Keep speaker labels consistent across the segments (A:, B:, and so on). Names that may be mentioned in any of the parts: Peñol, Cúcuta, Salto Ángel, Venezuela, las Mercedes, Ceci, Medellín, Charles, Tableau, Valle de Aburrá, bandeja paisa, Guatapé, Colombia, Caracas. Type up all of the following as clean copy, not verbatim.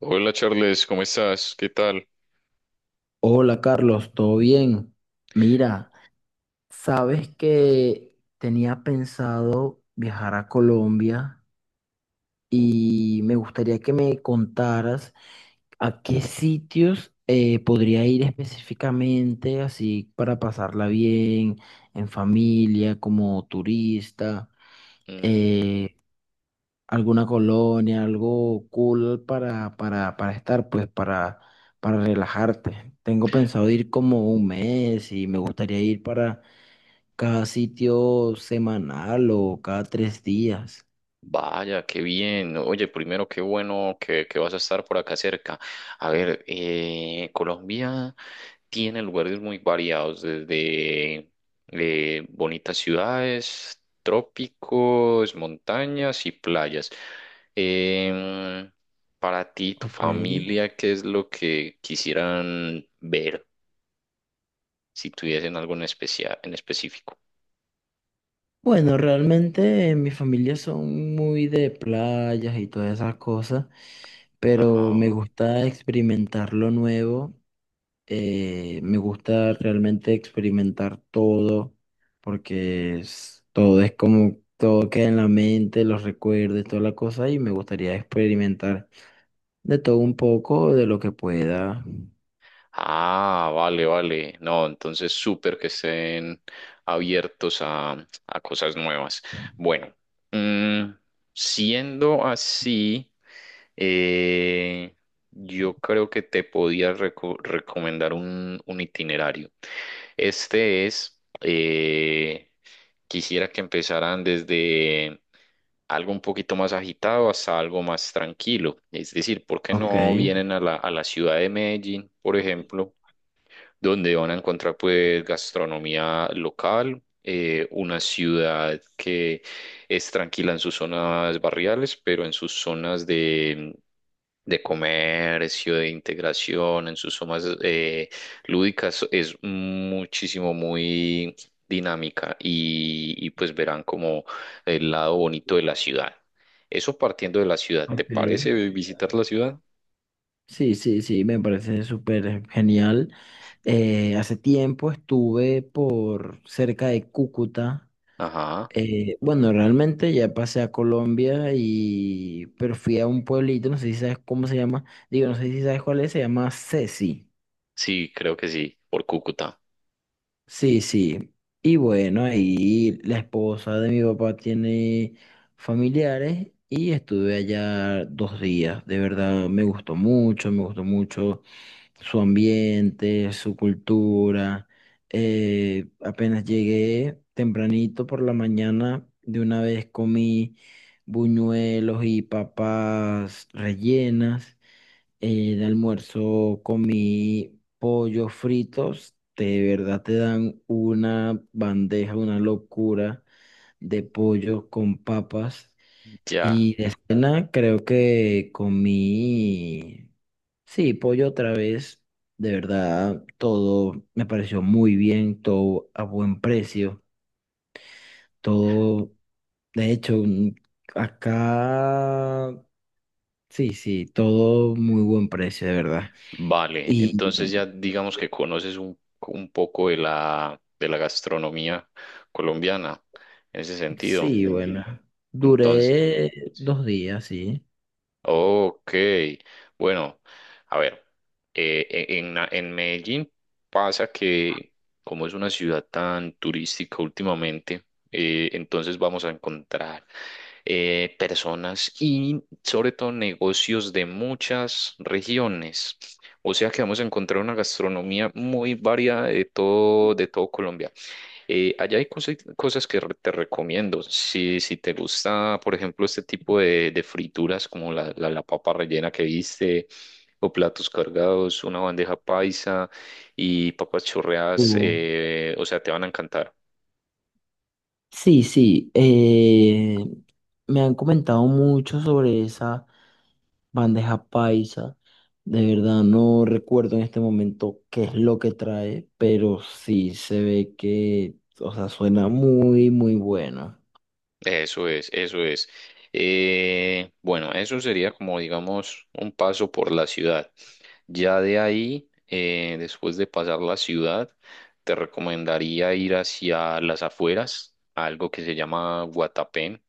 A: Hola Charles, ¿cómo estás? ¿Qué tal?
B: Hola Carlos, ¿todo bien? Mira, sabes que tenía pensado viajar a Colombia y me gustaría que me contaras a qué sitios podría ir específicamente, así para pasarla bien, en familia, como turista.
A: Mm,
B: eh, Alguna colonia, algo cool para, para estar, pues para relajarte. Tengo pensado ir como un mes y me gustaría ir para cada sitio semanal o cada tres días.
A: vaya, qué bien. Oye, primero, qué bueno que vas a estar por acá cerca. A ver, Colombia tiene lugares muy variados, desde bonitas ciudades, trópicos, montañas y playas. Em, para ti, y tu
B: Ok.
A: familia, ¿qué es lo que quisieran ver si tuviesen algo en especial, en específico?
B: Bueno, realmente mi familia son muy de playas y todas esas cosas, pero me
A: Ajá.
B: gusta experimentar lo nuevo. Me gusta realmente experimentar todo porque todo es como, todo queda en la mente, los recuerdos, toda la cosa y me gustaría experimentar de todo un poco, de lo que pueda.
A: Ah, vale, vale. No, entonces súper que estén abiertos a cosas nuevas. Bueno, mm, siendo así, eh, yo creo que te podía recomendar un itinerario. Este es, quisiera que empezaran desde algo un poquito más agitado hasta algo más tranquilo. Es decir, ¿por qué
B: Ok,
A: no vienen a la ciudad de Medellín, por ejemplo? Donde van a encontrar pues gastronomía local, una ciudad que es tranquila en sus zonas barriales, pero en sus zonas de comercio, de integración, en sus zonas lúdicas es muchísimo, muy dinámica pues verán como el lado bonito de la ciudad. Eso partiendo de la ciudad, ¿te parece
B: ok.
A: visitar la ciudad?
B: Sí, sí, sí, me parece súper genial. Hace tiempo estuve por cerca de Cúcuta.
A: Ajá,
B: Bueno, realmente ya pasé a Colombia y pero fui a un pueblito, no sé si sabes cómo se llama, digo, no sé si sabes cuál es, se llama Ceci.
A: sí, creo que sí, por Cúcuta.
B: Sí, sí. Y bueno, ahí la esposa de mi papá tiene familiares y estuve allá 2 días. De verdad, me gustó mucho su ambiente, su cultura. Apenas llegué tempranito por la mañana, de una vez comí buñuelos y papas rellenas. De almuerzo comí pollos fritos. De verdad te dan una bandeja, una locura de pollo con papas.
A: Ya.
B: Y de cena creo que comí, sí, pollo otra vez, de verdad, todo me pareció muy bien, todo a buen precio, todo, de hecho, acá, sí, sí, todo muy buen precio, de verdad.
A: Vale,
B: Y
A: entonces ya digamos que conoces un poco de de la gastronomía colombiana en ese sentido.
B: sí, bueno,
A: Entonces,
B: duré 2 días, sí.
A: ok, bueno, a ver, en Medellín pasa que como es una ciudad tan turística últimamente, entonces vamos a encontrar personas y sobre todo negocios de muchas regiones. O sea que vamos a encontrar una gastronomía muy variada de todo Colombia. Allá hay cosas, te recomiendo. Si te gusta, por ejemplo, este tipo de frituras como la papa rellena que viste, o platos cargados, una bandeja paisa y papas chorreadas,
B: Hubo-
A: o sea, te van a encantar.
B: Sí, sí, me han comentado mucho sobre esa bandeja paisa. De verdad no recuerdo en este momento qué es lo que trae, pero sí se ve que, o sea, suena muy, muy bueno.
A: Eso es, eso es. Bueno, eso sería como, digamos, un paso por la ciudad. Ya de ahí, después de pasar la ciudad, te recomendaría ir hacia las afueras, a algo que se llama Guatapé.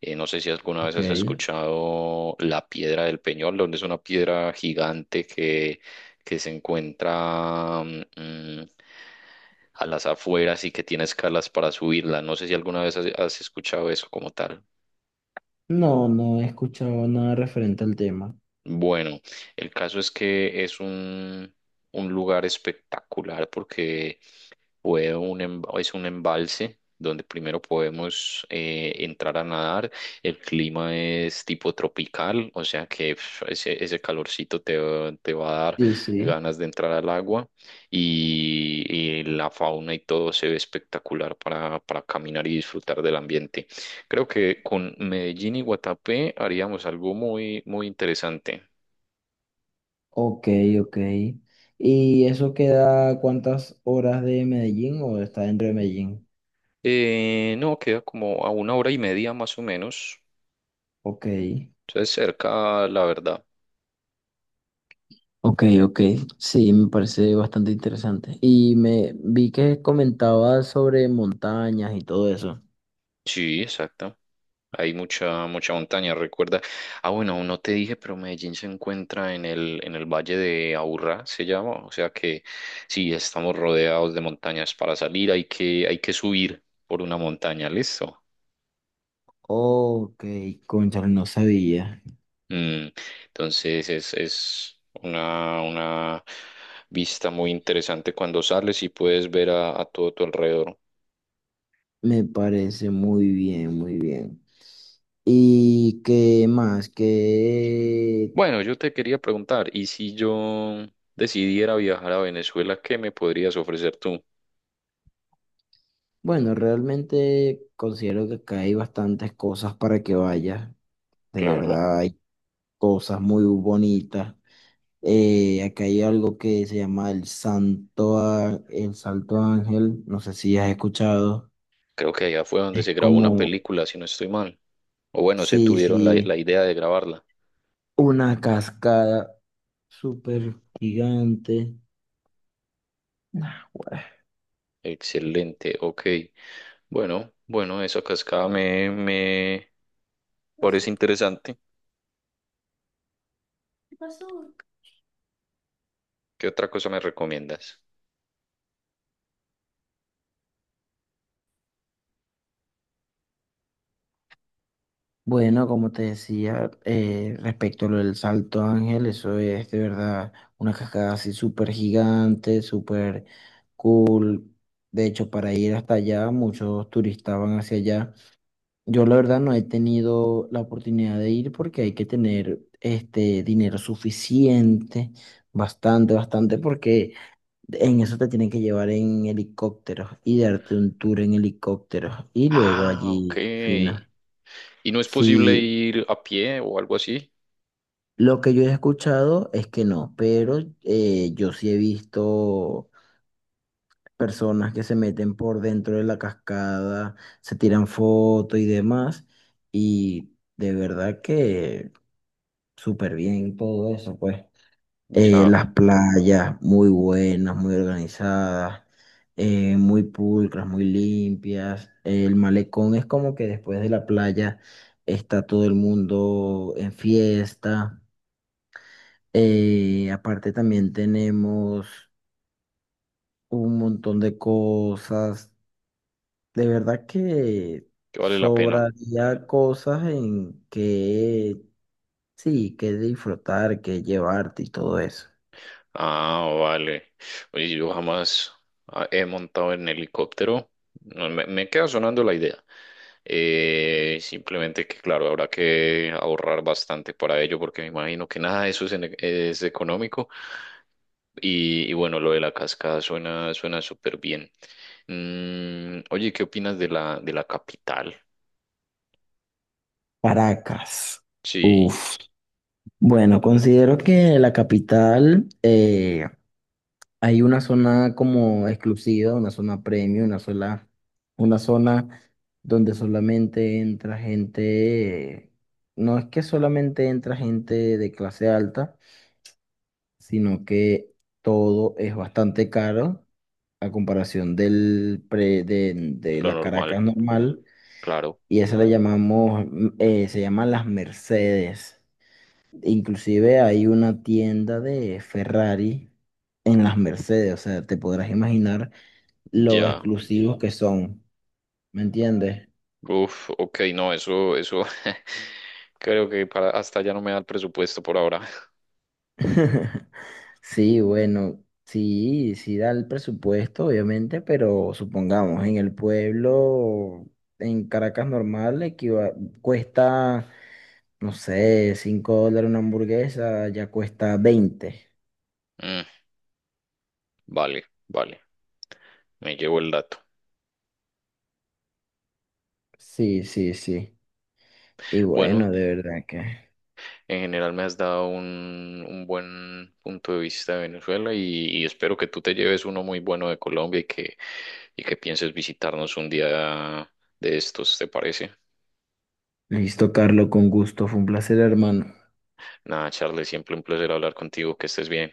A: No sé si alguna vez
B: Ok.
A: has escuchado la piedra del Peñol, donde es una piedra gigante que se encuentra a las afueras y que tiene escalas para subirla. No sé si alguna vez has escuchado eso como tal.
B: No, no he escuchado nada referente al tema.
A: Bueno, el caso es que es un lugar espectacular porque es un embalse donde primero podemos entrar a nadar. El clima es tipo tropical, o sea que pf, ese calorcito te va a dar
B: Sí, sí.
A: ganas de entrar al agua y la fauna y todo se ve espectacular para caminar y disfrutar del ambiente. Creo que con Medellín y Guatapé haríamos algo muy, muy interesante.
B: Ok, ok. ¿Y eso queda cuántas horas de Medellín o está dentro de Medellín?
A: No, queda como a una hora y media más o menos.
B: Ok.
A: Entonces cerca, la verdad.
B: Ok, ok, sí, me parece bastante interesante. Y me vi que comentabas sobre montañas y todo eso.
A: Sí, exacto. Hay mucha, mucha montaña, recuerda. Ah, bueno, no te dije, pero Medellín se encuentra en en el Valle de Aburrá, se llama. O sea que sí, estamos rodeados de montañas para salir, hay hay que subir por una montaña, ¿listo?
B: Ok, cónchale, no sabía.
A: Mm, entonces es una vista muy interesante cuando sales y puedes ver a todo tu alrededor.
B: Me parece muy bien, muy bien. ¿Y qué más? Que,
A: Bueno, yo te quería preguntar, ¿y si yo decidiera viajar a Venezuela, qué me podrías ofrecer tú?
B: bueno, realmente considero que acá hay bastantes cosas para que vayas. De
A: Claro,
B: verdad, hay cosas muy bonitas. Acá hay algo que se llama el el Salto Ángel, no sé si has escuchado,
A: creo que allá fue donde se grabó una
B: como,
A: película, si no estoy mal. O bueno, se
B: sí,
A: tuvieron la
B: sí,
A: idea de grabarla.
B: una cascada súper gigante. Nah, güey.
A: Excelente, ok. Bueno, bueno, esa cascada me parece interesante. ¿Qué otra cosa me recomiendas?
B: Bueno, como te decía, respecto a lo del Salto Ángel, eso es de verdad una cascada así súper gigante, súper cool. De hecho, para ir hasta allá, muchos turistas van hacia allá. Yo la verdad no he tenido la oportunidad de ir porque hay que tener este dinero suficiente, bastante, bastante, porque en eso te tienen que llevar en helicópteros y darte un tour en helicópteros y luego
A: Ah, ok.
B: allí fino.
A: ¿Y no es posible
B: Sí,
A: ir a pie o algo así?
B: lo que yo he escuchado es que no, pero yo sí he visto personas que se meten por dentro de la cascada, se tiran fotos y demás, y de verdad que súper bien, todo eso, pues.
A: Ya,
B: Las playas muy buenas, muy organizadas, muy pulcras, muy limpias. El malecón es como que después de la playa está todo el mundo en fiesta. Aparte también tenemos un montón de cosas. De verdad que
A: que vale la pena.
B: sobraría cosas en que, sí, que disfrutar, que llevarte y todo eso.
A: Ah, vale. Oye, yo jamás he montado en helicóptero. No, me queda sonando la idea. Simplemente que, claro, habrá que ahorrar bastante para ello porque me imagino que nada de eso es económico. Y bueno, lo de la cascada suena suena súper bien. Mm, oye, ¿qué opinas de de la capital?
B: Caracas.
A: Sí,
B: Uf. Bueno, considero que la capital hay una zona como exclusiva, una zona premium, una sola, una zona donde solamente entra gente, no es que solamente entra gente de clase alta, sino que todo es bastante caro a comparación del de
A: lo
B: la
A: normal,
B: Caracas normal,
A: claro.
B: y eso le llamamos, se llaman las Mercedes. Inclusive hay una tienda de Ferrari en las Mercedes, o sea, te podrás imaginar lo
A: Ya.
B: exclusivos que son, ¿me entiendes?
A: Uf, ok, no, eso, creo que para hasta ya no me da el presupuesto por ahora.
B: Sí, bueno, sí, sí da el presupuesto, obviamente, pero supongamos, en el pueblo, en Caracas normal, cuesta, no sé, $5 una hamburguesa, ya cuesta 20.
A: Mm, vale, vale, me llevo el dato.
B: Sí, sí, sí. Y
A: Bueno,
B: bueno, de verdad que...
A: en general me has dado un buen punto de vista de Venezuela y espero que tú te lleves uno muy bueno de Colombia y que pienses visitarnos un día de estos, ¿te parece?
B: Listo, Carlos, con gusto. Fue un placer, hermano.
A: Nada, Charles, siempre un placer hablar contigo, que estés bien.